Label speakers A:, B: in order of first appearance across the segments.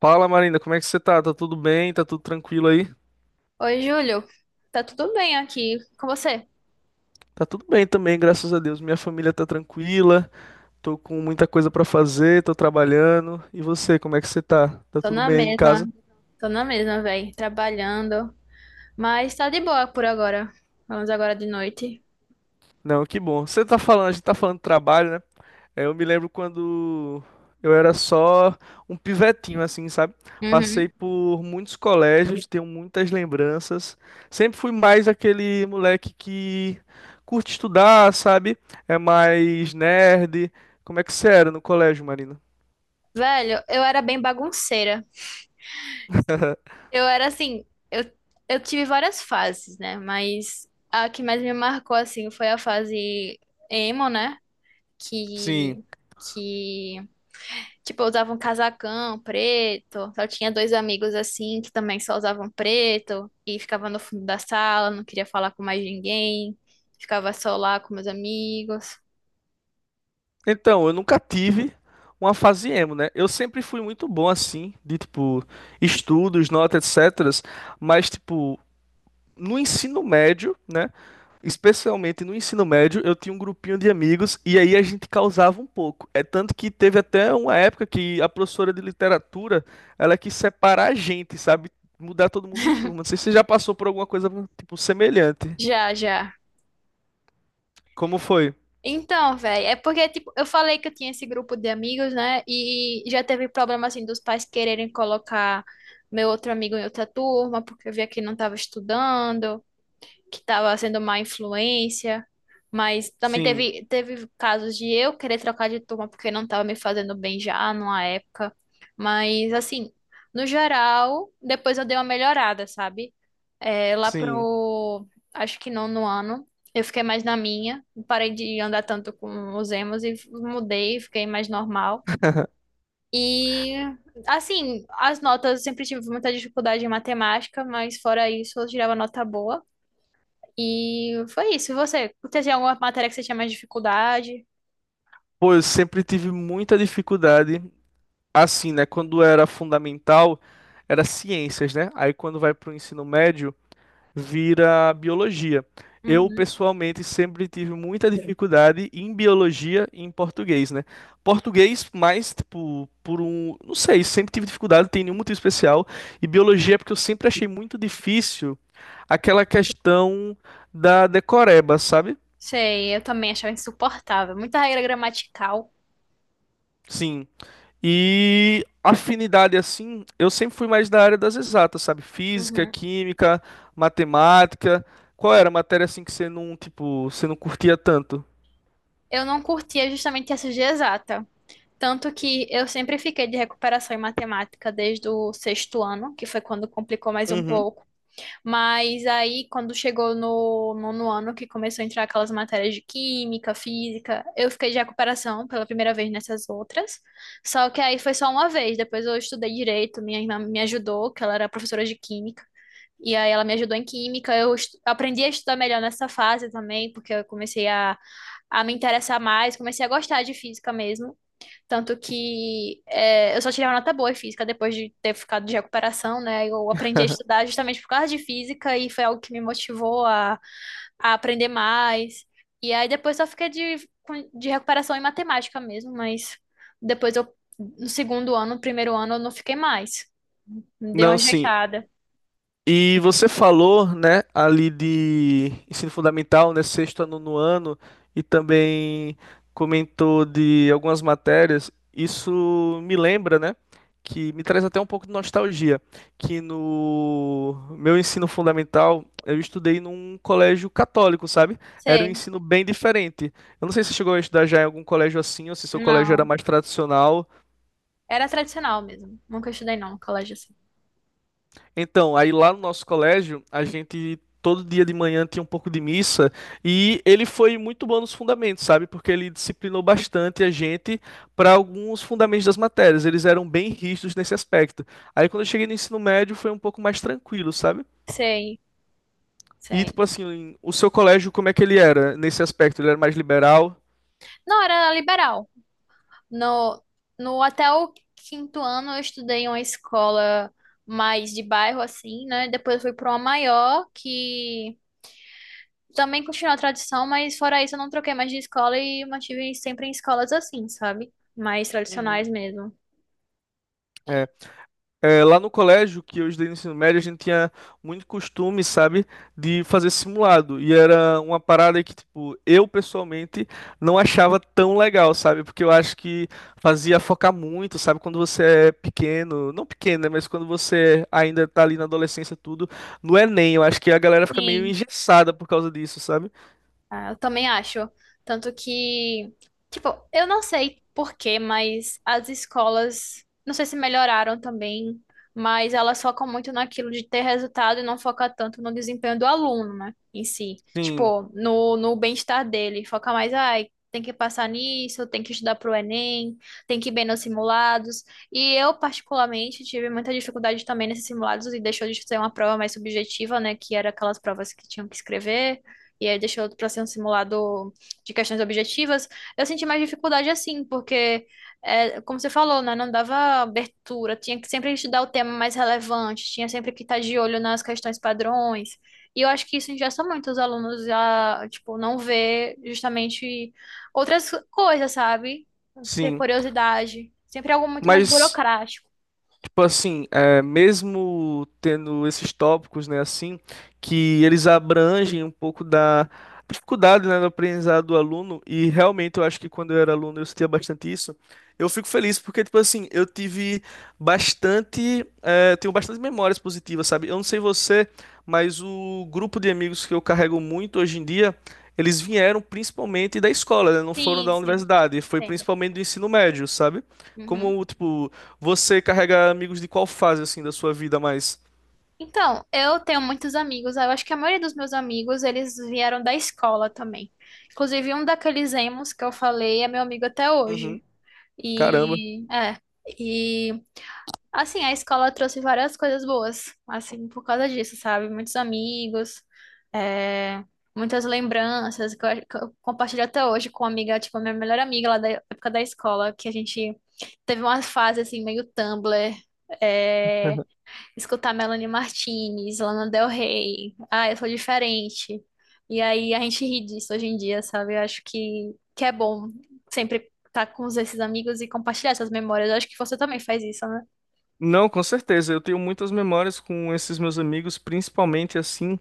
A: Fala, Marina, como é que você tá? Tá tudo bem? Tá tudo tranquilo aí?
B: Oi, Júlio. Tá tudo bem aqui com você?
A: Tá tudo bem também, graças a Deus. Minha família tá tranquila, tô com muita coisa pra fazer, tô trabalhando. E você, como é que você tá? Tá
B: Tô
A: tudo
B: na
A: bem aí em
B: mesma,
A: casa?
B: tô na mesma, velho, trabalhando, mas tá de boa por agora. Vamos agora de noite.
A: Não, que bom. Você tá falando, a gente tá falando de trabalho, né? É, eu me lembro quando eu era só um pivetinho, assim, sabe?
B: Uhum.
A: Passei por muitos colégios, tenho muitas lembranças. Sempre fui mais aquele moleque que curte estudar, sabe? É mais nerd. Como é que você era no colégio, Marina?
B: Velho, eu era bem bagunceira. Eu era assim, eu, eu tive várias fases, né? Mas a que mais me marcou, assim, foi a fase emo, né?
A: Sim.
B: Que, que Tipo, eu usava um casacão preto. Só tinha dois amigos assim que também só usavam preto e ficava no fundo da sala, não queria falar com mais ninguém. Ficava só lá com meus amigos.
A: Então, eu nunca tive uma fase emo, né? Eu sempre fui muito bom, assim, de, tipo, estudos, notas, etc. Mas, tipo, no ensino médio, né? Especialmente no ensino médio, eu tinha um grupinho de amigos e aí a gente causava um pouco. É tanto que teve até uma época que a professora de literatura, ela quis separar a gente, sabe? Mudar todo mundo de turma. Não sei se você já passou por alguma coisa, tipo, semelhante.
B: Já, já.
A: Como foi?
B: Então, velho, é porque, tipo, eu falei que eu tinha esse grupo de amigos, né? E já teve problema, assim, dos pais quererem colocar meu outro amigo em outra turma, porque eu via que ele não tava estudando, que estava sendo má influência, mas também
A: Sim,
B: teve casos de eu querer trocar de turma porque não estava me fazendo bem já numa época. Mas assim, no geral, depois eu dei uma melhorada, sabe? É, lá
A: sim.
B: pro, acho que nono ano, eu fiquei mais na minha, parei de andar tanto com os emos e mudei, fiquei mais normal. E assim, as notas, eu sempre tive muita dificuldade em matemática, mas fora isso, eu tirava nota boa. E foi isso. E você? Teve alguma matéria que você tinha mais dificuldade?
A: Pô, eu sempre tive muita dificuldade, assim, né? Quando era fundamental, era ciências, né? Aí quando vai pro ensino médio, vira biologia. Eu,
B: Uhum.
A: pessoalmente, sempre tive muita dificuldade em biologia e em português, né? Português, mais, tipo, por um. Não sei, sempre tive dificuldade, tem nenhum motivo especial. E biologia, é porque eu sempre achei muito difícil aquela questão da decoreba, sabe?
B: Sei, eu também achava insuportável. Muita regra gramatical.
A: Sim. E afinidade, assim, eu sempre fui mais da área das exatas, sabe? Física,
B: Uhum.
A: química, matemática. Qual era a matéria, assim, que você não, tipo, você não curtia tanto?
B: Eu não curtia justamente essa de exata. Tanto que eu sempre fiquei de recuperação em matemática desde o sexto ano, que foi quando complicou mais um
A: Uhum.
B: pouco. Mas aí, quando chegou no nono ano, que começou a entrar aquelas matérias de química, física, eu fiquei de recuperação pela primeira vez nessas outras. Só que aí foi só uma vez. Depois eu estudei direito, minha irmã me ajudou, que ela era professora de química. E aí ela me ajudou em química. Aprendi a estudar melhor nessa fase também, porque eu comecei a me interessar mais, comecei a gostar de física mesmo. Tanto que é, eu só tirei uma nota boa em física depois de ter ficado de recuperação, né? Eu aprendi a estudar justamente por causa de física e foi algo que me motivou a aprender mais. E aí depois só fiquei de recuperação em matemática mesmo, mas depois no segundo ano, no primeiro ano, eu não fiquei mais. Dei uma
A: Não, sim.
B: ajeitada.
A: E você falou, né, ali de ensino fundamental, né, sexto a nono ano, e também comentou de algumas matérias. Isso me lembra, né, que me traz até um pouco de nostalgia, que no meu ensino fundamental eu estudei num colégio católico, sabe? Era um
B: Sei.
A: ensino bem diferente. Eu não sei se você chegou a estudar já em algum colégio assim, ou se seu colégio era
B: Não,
A: mais tradicional.
B: era tradicional mesmo. Nunca estudei não no colégio assim.
A: Então, aí lá no nosso colégio, a gente todo dia de manhã tinha um pouco de missa e ele foi muito bom nos fundamentos, sabe? Porque ele disciplinou bastante a gente para alguns fundamentos das matérias. Eles eram bem rígidos nesse aspecto. Aí quando eu cheguei no ensino médio foi um pouco mais tranquilo, sabe?
B: Sei,
A: E
B: sei.
A: tipo assim, o seu colégio, como é que ele era nesse aspecto? Ele era mais liberal?
B: Não, era liberal. No, no até o quinto ano eu estudei em uma escola mais de bairro, assim, né? Depois eu fui para uma maior, que também continuou a tradição, mas fora isso eu não troquei mais de escola e mantive sempre em escolas assim, sabe? Mais tradicionais
A: Uhum.
B: mesmo.
A: É. É, lá no colégio que eu estudei no ensino médio, a gente tinha muito costume, sabe, de fazer simulado. E era uma parada que, tipo, eu pessoalmente não achava tão legal, sabe? Porque eu acho que fazia focar muito, sabe? Quando você é pequeno, não pequeno, né? Mas quando você ainda tá ali na adolescência, tudo, no Enem. Eu acho que a galera fica meio
B: Sim.
A: engessada por causa disso, sabe?
B: Ah, eu também acho. Tanto que, tipo, eu não sei por quê, mas as escolas, não sei se melhoraram também, mas elas focam muito naquilo de ter resultado e não foca tanto no desempenho do aluno, né, em si.
A: Sim,
B: Tipo, no bem-estar dele. Foca mais, ai, tem que passar nisso, tem que estudar pro Enem, tem que ir bem nos simulados. E eu, particularmente, tive muita dificuldade também nesses simulados e deixou de ser uma prova mais subjetiva, né, que era aquelas provas que tinham que escrever e aí deixou para ser um simulado de questões objetivas, eu senti mais dificuldade assim, porque, é, como você falou, né, não dava abertura, tinha que sempre estudar o tema mais relevante, tinha sempre que estar de olho nas questões padrões, e eu acho que isso engessa muito os alunos a, tipo, não ver justamente outras coisas, sabe? Ter
A: sim.
B: curiosidade, sempre algo muito mais
A: Mas.
B: burocrático.
A: Tipo assim, é, mesmo tendo esses tópicos, né, assim, que eles abrangem um pouco da dificuldade, né, do aprendizado do aluno, e realmente eu acho que quando eu era aluno eu sentia bastante isso, eu fico feliz porque, tipo assim, eu tive bastante, é, tenho bastante memórias positivas, sabe? Eu não sei você, mas o grupo de amigos que eu carrego muito hoje em dia, eles vieram principalmente da escola, né, não foram
B: Sim,
A: da
B: sim,
A: universidade, foi
B: entendo.
A: principalmente do ensino médio, sabe?
B: Uhum.
A: Como, tipo, você carrega amigos de qual fase, assim, da sua vida mais?
B: Então, eu tenho muitos amigos. Eu acho que a maioria dos meus amigos, eles vieram da escola também. Inclusive, um daqueles emos que eu falei é meu amigo até hoje.
A: Uhum. Caramba.
B: E, é, e assim, a escola trouxe várias coisas boas, assim, por causa disso, sabe? Muitos amigos, é, muitas lembranças que eu, acho que eu compartilho até hoje com uma amiga, tipo, a minha melhor amiga lá da época da escola, que a gente teve uma fase, assim, meio Tumblr. é, Escutar Melanie Martinez, Lana Del Rey. Ah, eu sou diferente. E aí a gente ri disso hoje em dia, sabe? Eu acho que é bom sempre estar com esses amigos e compartilhar essas memórias. Eu acho que você também faz isso, né?
A: Não, com certeza. Eu tenho muitas memórias com esses meus amigos, principalmente assim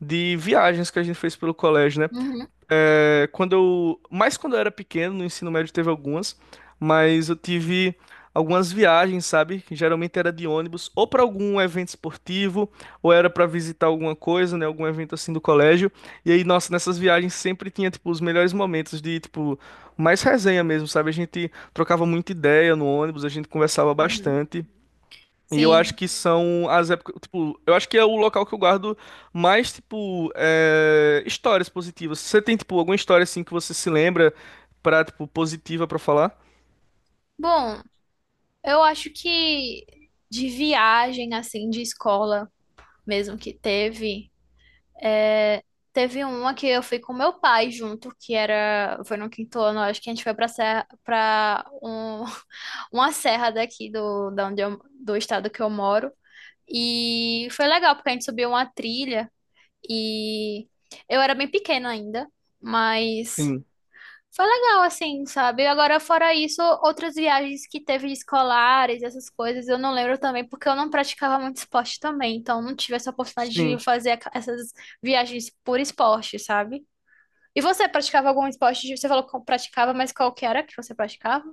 A: de viagens que a gente fez pelo colégio, né?
B: Uhum,
A: É, quando eu, mais quando eu era pequeno, no ensino médio teve algumas, mas eu tive algumas viagens, sabe? Que geralmente era de ônibus, ou para algum evento esportivo, ou era para visitar alguma coisa, né? Algum evento assim do colégio. E aí, nossa, nessas viagens sempre tinha, tipo, os melhores momentos de, tipo, mais resenha mesmo, sabe? A gente trocava muita ideia no ônibus, a gente conversava
B: uhum.
A: bastante. E eu acho
B: Sim.
A: que são as épocas, tipo, eu acho que é o local que eu guardo mais, tipo, é, histórias positivas. Você tem, tipo, alguma história, assim, que você se lembra pra, tipo, positiva pra falar?
B: Bom, eu acho que de viagem, assim, de escola mesmo que teve. É, teve uma que eu fui com meu pai junto, que era, foi no quinto ano, acho que a gente foi pra serra, para um, uma serra daqui do, da onde eu, do estado que eu moro. E foi legal, porque a gente subiu uma trilha e eu era bem pequena ainda, mas
A: Sim.
B: foi legal, assim, sabe? Agora, fora isso, outras viagens que teve escolares, essas coisas, eu não lembro também, porque eu não praticava muito esporte também, então não tive essa oportunidade
A: Sim.
B: de fazer essas viagens por esporte, sabe? E você praticava algum esporte? Você falou que praticava, mas qual que era que você praticava?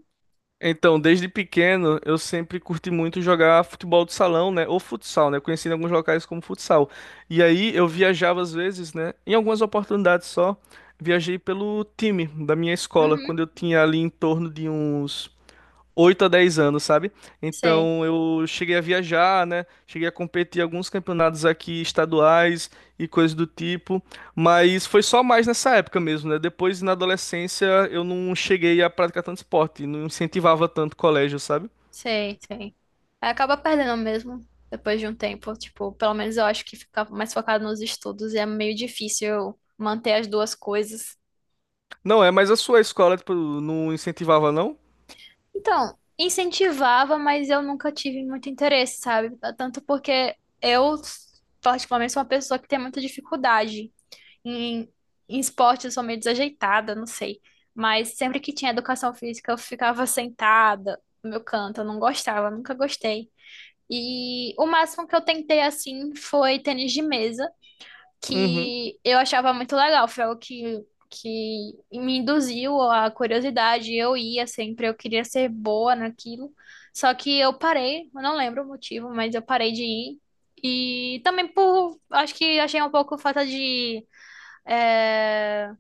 A: Então, desde pequeno, eu sempre curti muito jogar futebol de salão, né? Ou futsal, né? Conheci em alguns locais como futsal. E aí, eu viajava às vezes, né? Em algumas oportunidades só, viajei pelo time da minha escola,
B: Uhum,
A: quando eu tinha ali em torno de uns... 8 a 10 anos, sabe?
B: sei,
A: Então eu cheguei a viajar, né? Cheguei a competir em alguns campeonatos aqui estaduais e coisas do tipo, mas foi só mais nessa época mesmo, né? Depois na adolescência eu não cheguei a praticar tanto esporte, não incentivava tanto o colégio, sabe?
B: sei, sei. Aí acaba perdendo mesmo, depois de um tempo, tipo, pelo menos eu acho que ficava mais focado nos estudos e é meio difícil eu manter as duas coisas.
A: Não é, mas a sua escola tipo, não incentivava, não?
B: Então, incentivava, mas eu nunca tive muito interesse, sabe? Tanto porque eu, particularmente, sou uma pessoa que tem muita dificuldade. Em, em esporte, eu sou meio desajeitada, não sei. Mas sempre que tinha educação física, eu ficava sentada no meu canto, eu não gostava, nunca gostei. E o máximo que eu tentei assim foi tênis de mesa
A: Uhum.
B: que eu achava muito legal, foi algo que me induziu à curiosidade. Eu ia sempre, eu queria ser boa naquilo. Só que eu parei, eu não lembro o motivo, mas eu parei de ir. E também por, acho que achei um pouco falta de, é,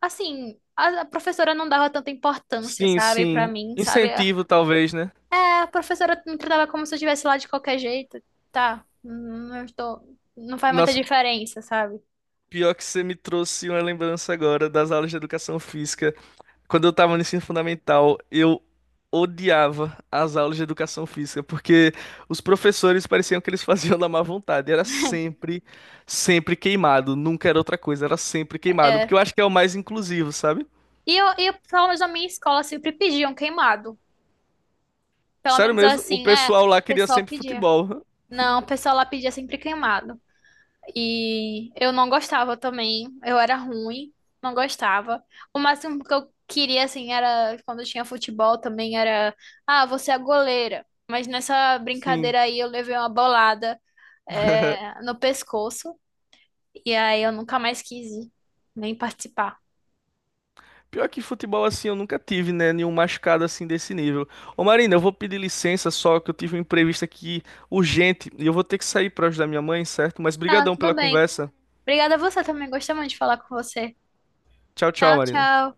B: assim, a professora não dava tanta importância,
A: Sim,
B: sabe, pra
A: sim.
B: mim, sabe?
A: Incentivo, talvez, né?
B: É, a professora me tratava como se eu estivesse lá de qualquer jeito. Tá, não estou, não faz muita
A: Nossa,
B: diferença, sabe?
A: pior que você me trouxe uma lembrança agora das aulas de educação física. Quando eu tava no ensino fundamental, eu odiava as aulas de educação física, porque os professores pareciam que eles faziam da má vontade. Era sempre queimado. Nunca era outra coisa, era sempre queimado.
B: É.
A: Porque eu acho que é o mais inclusivo, sabe?
B: E eu, pelo menos na minha escola sempre pediam queimado. Pelo
A: Sério
B: menos
A: mesmo, o
B: assim, é, o
A: pessoal lá queria
B: pessoal
A: sempre
B: pedia.
A: futebol.
B: Não, o pessoal lá pedia sempre queimado. E eu não gostava também, eu era ruim, não gostava. O máximo que eu queria, assim, era quando tinha futebol também, era, ah, você é a goleira. Mas nessa
A: Sim.
B: brincadeira aí eu levei uma bolada, é, no pescoço, e aí eu nunca mais quis ir, nem participar.
A: Pior que futebol assim, eu nunca tive, né? Nenhum machucado assim desse nível. Ô Marina, eu vou pedir licença só que eu tive um imprevisto aqui urgente e eu vou ter que sair pra ajudar minha mãe, certo? Mas
B: Ah,
A: brigadão
B: tudo
A: pela
B: bem.
A: conversa.
B: Obrigada a você também, gostei muito de falar com você.
A: Tchau, tchau,
B: Tchau,
A: Marina.
B: tchau.